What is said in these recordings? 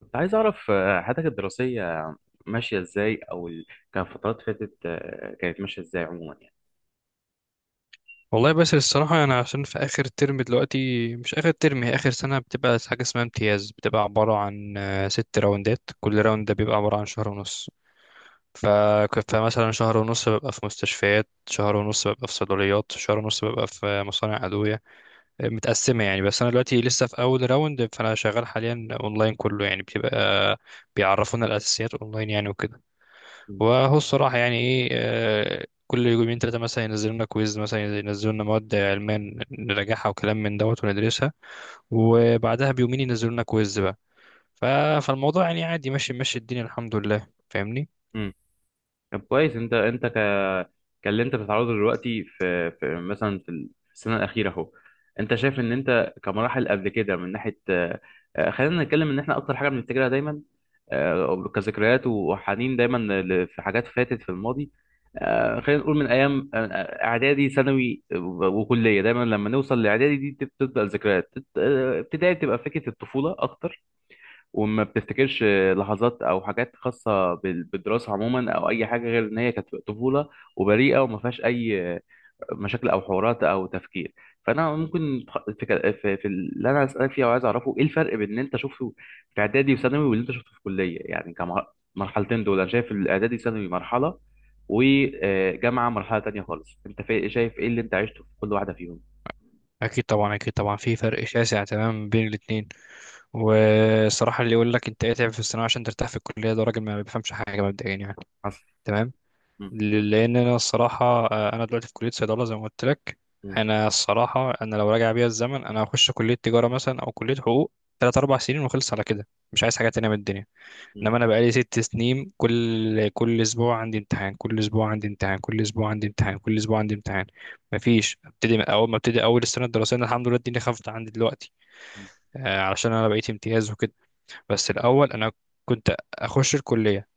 كنت عايز أعرف حياتك الدراسية ماشية إزاي أو كان فترات فاتت كانت ماشية إزاي عموما يعني. والله بس الصراحة أنا عشان في آخر ترم دلوقتي، مش آخر ترم، هي آخر سنة بتبقى حاجة اسمها امتياز. بتبقى عبارة عن ست راوندات، كل راوند ده بيبقى عبارة عن شهر ونص. ف... فمثلا شهر ونص ببقى في مستشفيات، شهر ونص ببقى في صيدليات، شهر ونص ببقى في مصانع أدوية. متقسمة يعني. بس أنا دلوقتي لسه في أول راوند، فأنا شغال حاليا أونلاين كله يعني. بتبقى بيعرفونا الأساسيات أونلاين يعني وكده. وهو الصراحة يعني إيه، كل يومين تلاتة مثلا ينزلوا لنا كويز، مثلا ينزلوا لنا مواد علمية نراجعها وكلام من دوت وندرسها، وبعدها بيومين ينزلوا لنا كويز بقى. ف- فالموضوع يعني عادي، ماشي ماشي الدنيا، الحمد لله، فاهمني. مم. طب كويس انت كاللي انت بتتعرضه دلوقتي في مثلا في السنه الاخيره اهو. انت شايف ان انت كمراحل قبل كده من ناحيه خلينا نتكلم ان احنا اكتر حاجه بنفتكرها دايما، كذكريات وحنين دايما في حاجات فاتت في الماضي. خلينا نقول من ايام اعدادي ثانوي وكليه، دايما لما نوصل لاعدادي دي بتبدا الذكريات ابتدائي بتبقى فكره الطفوله اكتر. وما بتفتكرش لحظات او حاجات خاصه بالدراسه عموما، او اي حاجه غير ان هي كانت طفوله وبريئه وما فيهاش اي مشاكل او حوارات او تفكير. فانا ممكن في اللي انا اسالك فيه وعايز اعرفه، ايه الفرق بين اللي انت شفته في اعدادي وثانوي واللي انت شفته في كليه يعني. كمرحلتين دول، انا شايف الاعدادي ثانوي مرحله وجامعه مرحله تانية خالص. انت شايف ايه اللي انت عشته في كل واحده فيهم؟ أكيد طبعا، أكيد طبعا في فرق شاسع تمام بين الاتنين. والصراحة اللي يقول لك أنت اتعب في الثانوية عشان ترتاح في الكلية، ده راجل ما بيفهمش حاجة مبدئيا يعني. حصل. تمام. مم. لان انا الصراحه، انا دلوقتي في كليه صيدله زي ما قلت لك. مم. انا الصراحه، انا لو راجع بيا الزمن، انا هخش كليه تجاره مثلا او كليه حقوق، تلات اربع سنين وخلص على كده. مش عايز حاجه تانية من الدنيا. مم. انما انا بقالي ست سنين كل اسبوع عندي امتحان، كل اسبوع عندي امتحان، كل اسبوع عندي امتحان، كل اسبوع عندي امتحان. مفيش. ابتدي من اول ما ابتدي اول السنه الدراسيه. أنا الحمد لله الدنيا خفت عندي دلوقتي، علشان انا بقيت امتياز وكده. بس الاول انا كنت اخش الكليه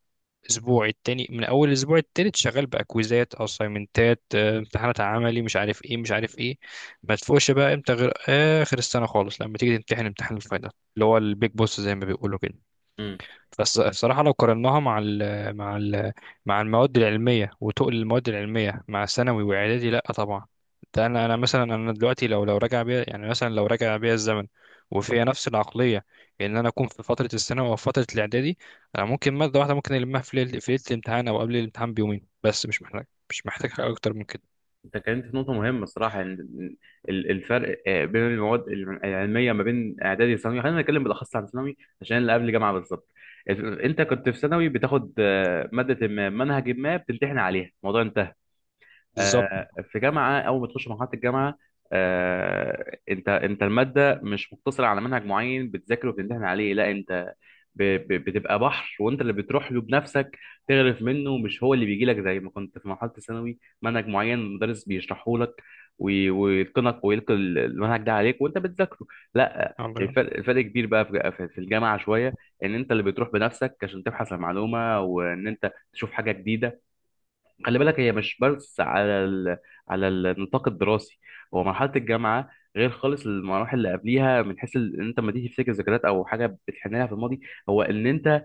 اسبوع التاني، من اول الاسبوع التالت شغال باكويزات، اسايمنتات، امتحانات عملي، مش عارف ايه مش عارف ايه. ما تفوقش بقى امتى غير اخر السنه خالص، لما تيجي تمتحن امتحان الفاينل اللي هو البيج بوس زي ما بيقولوا كده. مم. بس بصراحة لو قارناها مع ال مع ال مع المواد العلمية وتقل المواد العلمية مع ثانوي وإعدادي، لأ طبعا. ده أنا، أنا مثلا أنا دلوقتي لو لو راجع بيا يعني مثلا لو راجع بيا الزمن وفيها نفس العقلية، إن أنا أكون في فترة الثانوي أو فترة الإعدادي، أنا ممكن مادة واحدة ممكن ألمها في ليلة، في ليلة الامتحان أو قبل الامتحان بيومين بس، مش محتاج حاجة أكتر من كده. انت اتكلمت في نقطة مهمة الصراحة، ان الفرق بين المواد العلمية ما بين اعدادي وثانوي. خلينا نتكلم بالاخص عن ثانوي عشان اللي قبل جامعة بالظبط. انت كنت في ثانوي بتاخد مادة ما منهج ما، بتمتحن عليها الموضوع انتهى. بالظبط. في جامعه، اول ما تخش مرحله الجامعه، انت الماده مش مقتصره على منهج معين بتذاكره وبتمتحن عليه. لا، انت ب- بتبقى بحر وانت اللي بتروح له بنفسك تغرف منه، مش هو اللي بيجي لك زي ما كنت في مرحله الثانوي منهج معين المدرس بيشرحه لك ويتقنك ويلقي المنهج ده عليك وانت بتذاكره. لا. والله. الفرق الفرق كبير بقى في الجامعه شويه، ان انت اللي بتروح بنفسك عشان تبحث عن معلومه وان انت تشوف حاجه جديده. خلي بالك هي مش بس على على النطاق الدراسي. هو مرحله الجامعه غير خالص المراحل اللي قبليها، من حيث ان انت لما تيجي تفتكر ذكريات او حاجه بتحن لها في الماضي، هو ان انت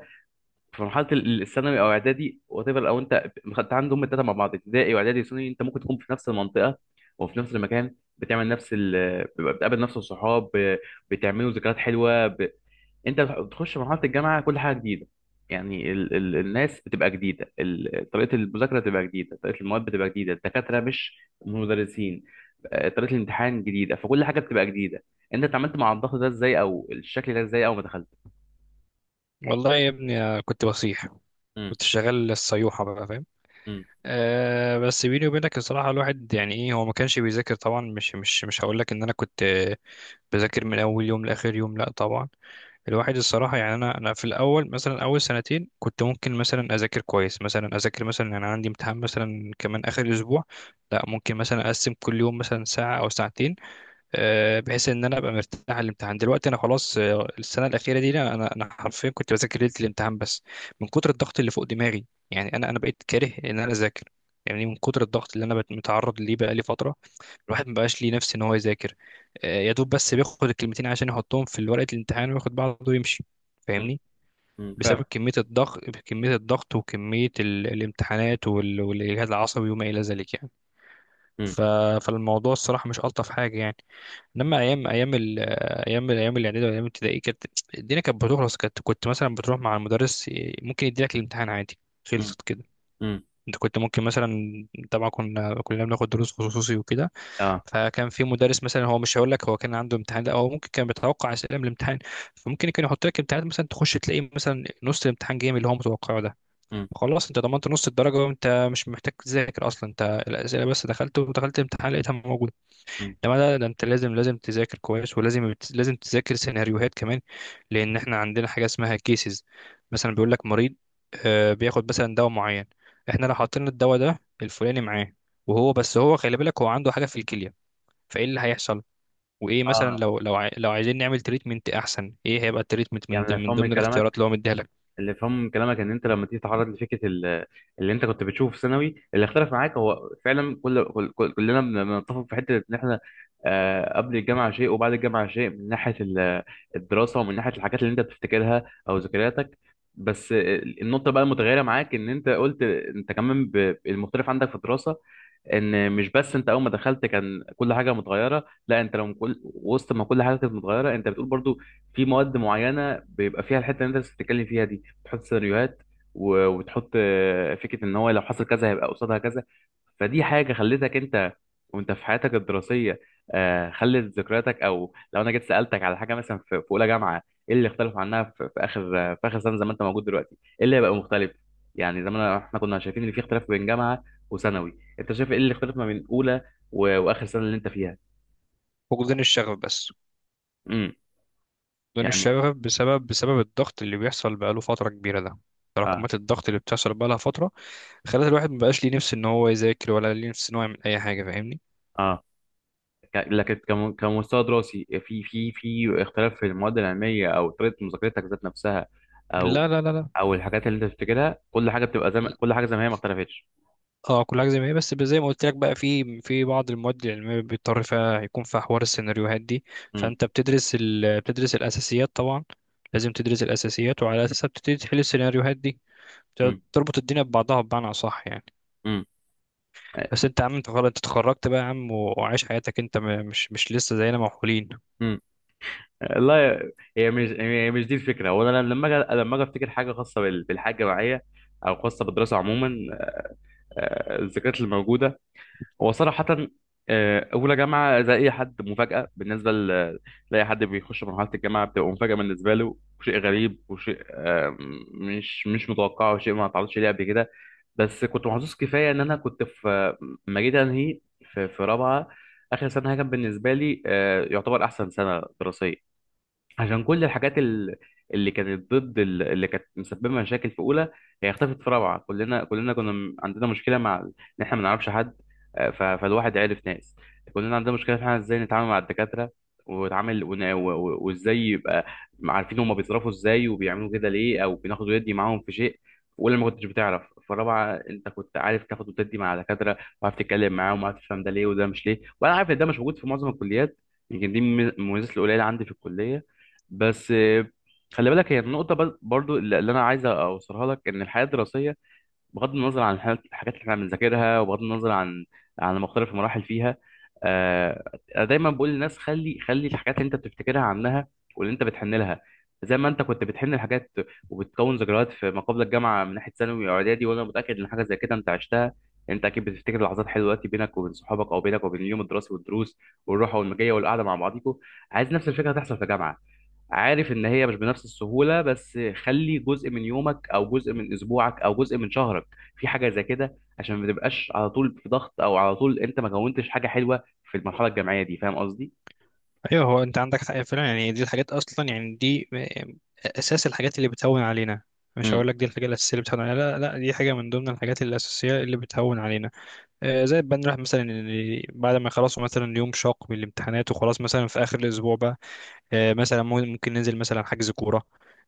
في مرحله الثانوي او اعدادي وات ايفر، او انت خدت عندهم هم الثلاثه مع بعض، ابتدائي واعدادي وثانوي، انت ممكن تكون في نفس المنطقه وفي نفس المكان، بتعمل نفس بتقابل نفس الصحاب، بتعملوا ذكريات حلوه. انت بتخش مرحله الجامعه كل حاجه جديده. يعني ال ال الناس بتبقى جديده، ال طريقه المذاكره بتبقى جديده، طريقه المواد بتبقى جديده، الدكاتره مش مدرسين، طريقه الامتحان جديده، فكل حاجه بتبقى جديده. انت اتعاملت مع الضغط ده ازاي او الشكل ده ازاي اول ما دخلت؟ والله يا ابني كنت بصيح. مم، كنت شغال الصيوحة بقى، فاهم. مم، أه بس بيني وبينك الصراحة الواحد يعني ايه، هو ما كانش بيذاكر طبعا. مش هقول لك ان انا كنت بذاكر من اول يوم لاخر يوم، لا طبعا. الواحد الصراحة يعني، انا في الاول مثلا اول سنتين كنت ممكن مثلا اذاكر كويس، مثلا اذاكر مثلا يعني عندي امتحان مثلا كمان اخر اسبوع، لا ممكن مثلا اقسم كل يوم مثلا ساعة او ساعتين، بحيث ان انا ابقى مرتاح الامتحان. دلوقتي انا خلاص، السنه الاخيره دي انا أنا حرفيا كنت بذاكر ليله الامتحان بس، من كتر الضغط اللي فوق دماغي. يعني انا بقيت كاره ان انا اذاكر، يعني من كتر الضغط اللي انا متعرض ليه بقى لي فتره. الواحد ما بقاش ليه نفس ان هو يذاكر. يا دوب بس بياخد الكلمتين عشان يحطهم في ورقه الامتحان وياخد بعضه ويمشي، مم، فاهمني. مم، بسبب فعلا. كميه الضغط، كميه الضغط وكميه الامتحانات وال- والاجهاد العصبي وما الى ذلك يعني. مم، ف... فالموضوع الصراحه مش الطف حاجه يعني. انما ايام ايام الاعدادي وايام الابتدائي كانت الدنيا كانت بتخلص. كانت كنت مثلا بتروح مع المدرس، ممكن يديلك الامتحان عادي، مم، خلصت كده. مم، انت كنت ممكن مثلا، طبعا كنا كلنا بناخد دروس خصوصي وكده، اه. فكان في مدرس مثلا، هو مش هقول لك هو كان عنده امتحان، لا، هو ممكن كان بيتوقع اسئله من الامتحان، فممكن كان يحط لك امتحانات مثلا، تخش تلاقي مثلا نص الامتحان جاي من اللي هو متوقعه ده. مم، خلاص انت ضمنت نص الدرجه وانت مش محتاج تذاكر اصلا. انت الاسئله بس دخلت، ودخلت الامتحان لقيتها موجوده. مم. ده انت لازم تذاكر كويس، ولازم تذاكر سيناريوهات كمان. لان احنا عندنا حاجه اسمها كيسز. مثلا بيقول لك مريض بياخد مثلا دواء معين، احنا لو حطينا الدواء ده الفلاني معاه، وهو بس هو خلي بالك هو عنده حاجه في الكليه، فايه اللي هيحصل؟ وايه مثلا اه. لو عايزين نعمل تريتمنت احسن، ايه هيبقى التريتمنت من يعني ضمن- انا من فاهم من ضمن الاختيارات كلامك، اللي هو مديها لك. اللي فهمه من كلامك ان انت لما تيجي تتعرض لفكره اللي انت كنت بتشوفه في ثانوي، اللي اختلف معاك هو فعلا كلنا بنتفق في حته ان احنا قبل الجامعه شيء وبعد الجامعه شيء، من ناحيه الدراسه ومن ناحيه الحاجات اللي انت بتفتكرها او ذكرياتك. بس النقطه بقى المتغيره معاك ان انت قلت انت كمان المختلف عندك في الدراسه، ان مش بس انت اول ما دخلت كان كل حاجه متغيره، لا، انت لو كل وسط ما كل حاجه كانت متغيره، انت بتقول برضو في مواد معينه بيبقى فيها الحته اللي انت لسه بتتكلم فيها دي، تحط سيناريوهات وتحط فكره ان هو لو حصل كذا هيبقى قصادها كذا. فدي حاجه خلتك انت وانت في حياتك الدراسيه خلت ذكرياتك، او لو انا جيت سالتك على حاجه مثلا في في اولى جامعه ايه اللي اختلف عنها في في اخر في اخر سنه زي ما انت موجود دلوقتي، ايه اللي هيبقى مختلف؟ يعني زمان احنا كنا شايفين ان في اختلاف بين جامعه وثانوي، انت شايف ايه اللي اختلف ما بين اولى واخر سنه اللي انت فيها؟ فقدان الشغف بس. امم. فقدان يعني. الشغف بسبب، بسبب الضغط اللي بيحصل بقاله فتره كبيره ده. اه. تراكمات الضغط اللي بتحصل بقالها فتره، خلت الواحد مبقاش ليه نفس ان هو يذاكر ولا ليه نفس ان هو يعمل اي حاجه، فاهمني. اه. لكن كمستوى دراسي، في اختلاف في المواد العلميه او طريقه مذاكرتك ذات نفسها، لا او لا لا لا او الحاجات اللي انت بتفتكرها، كل حاجه بتبقى زي ما هي ما اختلفتش؟ اه كل حاجه زي ما هي، بس زي ما قلت لك بقى، في بعض المواد العلميه بيضطر فيها يكون فيها حوار السيناريوهات دي. امم. فانت بتدرس الاساسيات طبعا، لازم تدرس الاساسيات، وعلى اساسها بتبتدي تحل السيناريوهات دي. امم. تربط الدنيا ببعضها بمعنى اصح يعني. امم. بس انت يا عم انت خلاص، انت اتخرجت بقى يا عم، و وعايش حياتك، انت مش لسه زينا موحولين. امم. لا، هي مش دي الفكره. وانا لما اجي، لما اجي افتكر حاجه خاصه بالحاجه معايا، او خاصه بالدراسه عموما، الذكريات اللي موجوده. هو صراحة، أولى جامعة زي أي حد، مفاجأة بالنسبة لأي حد بيخش مرحلة الجامعة، بتبقى مفاجأة بالنسبة له وشيء غريب وشيء مش متوقع وشيء ما اتعرضش ليه قبل كده. بس كنت محظوظ كفاية إن أنا كنت في، لما جيت أنهي، في في رابعة، آخر سنة، كان بالنسبة لي يعتبر أحسن سنة دراسية، عشان كل الحاجات اللي كانت ضد اللي كانت مسببه مشاكل في اولى، هي اختفت في رابعه. كلنا كنا عندنا مشكله مع ان احنا ما نعرفش حد، فالواحد عرف ناس. كلنا عندنا مشكله في احنا ازاي نتعامل مع الدكاتره ونتعامل وازاي يبقى عارفين هما بيتصرفوا ازاي وبيعملوا كده ليه، او بناخد وندي معاهم في شيء. في اولى ما كنتش بتعرف، في رابعه انت كنت عارف تاخد وتدي مع الدكاتره وعارف تتكلم معاهم وعارف تفهم ده ليه وده مش ليه. وانا عارف ان ده مش موجود في معظم الكليات، يمكن دي من المميزات القليله عندي في الكليه. بس خلي بالك هي النقطة برضو اللي أنا عايز أوصلها لك، إن الحياة الدراسية بغض النظر عن الحاجات اللي إحنا بنذاكرها وبغض النظر عن عن مختلف المراحل فيها، أنا دايما بقول للناس، خلي الحاجات اللي أنت بتفتكرها عنها واللي أنت بتحن لها، زي ما أنت كنت بتحن الحاجات وبتكون ذكريات في ما قبل الجامعة من ناحية ثانوي وإعدادي، وأنا متأكد إن حاجة زي كده أنت عشتها. أنت أكيد بتفتكر لحظات حلوة دلوقتي بينك وبين صحابك، أو بينك وبين اليوم الدراسي والدروس والروحة والمجية والقعدة مع بعضيكوا. عايز نفس الفكرة تحصل في جامعة. عارف ان هي مش بنفس السهوله، بس خلي جزء من يومك او جزء من اسبوعك او جزء من شهرك في حاجه زي كده، عشان ما تبقاش على طول في ضغط، او على طول انت ما كونتش حاجه حلوه في المرحله الجامعيه دي. فاهم قصدي؟ ايوه هو انت عندك حق فعلا يعني. دي الحاجات اصلا يعني، دي اساس الحاجات اللي بتهون علينا. مش هقول لك دي الحاجه الاساسيه اللي بتهون علينا، لا لا، دي حاجه من ضمن الحاجات الاساسيه اللي بتهون علينا. زي بنروح مثلا بعد ما يخلصوا مثلا يوم شاق من الامتحانات وخلاص، مثلا في اخر الاسبوع بقى، مثلا ممكن ننزل مثلا حجز كوره،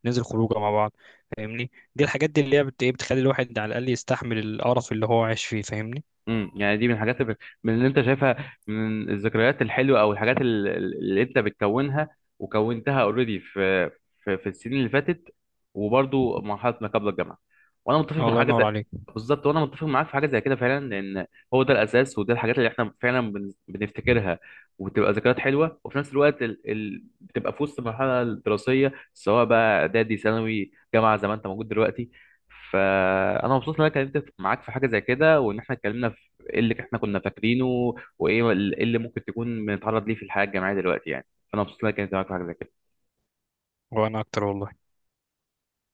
ننزل خروجه مع بعض، فاهمني. دي الحاجات دي اللي هي بت- إيه، بتخلي الواحد على الاقل يستحمل القرف اللي هو عايش فيه، فاهمني. امم. يعني دي من الحاجات اللي، من اللي انت شايفها من الذكريات الحلوه، او الحاجات اللي انت بتكونها وكونتها اوريدي في السنين اللي فاتت وبرضو مرحله ما قبل الجامعه. وانا متفق مع الله حاجه ينور زي، عليك. بالظبط، وانا متفق معاك في حاجه زي كده فعلا، لان هو ده الاساس وده الحاجات اللي احنا فعلا بنفتكرها وبتبقى ذكريات حلوه، وفي نفس الوقت بتبقى في وسط المرحله الدراسيه، سواء بقى اعدادي ثانوي جامعه زي ما انت موجود دلوقتي. فانا مبسوط ان انا اتكلمت معاك في حاجه زي كده، وان احنا اتكلمنا في ايه اللي احنا كنا فاكرينه، وايه إيه اللي ممكن تكون بنتعرض ليه في الحياه الجامعيه دلوقتي يعني. فانا مبسوط ان انا اتكلمت معاك في حاجه زي كده. وانا اكتر والله.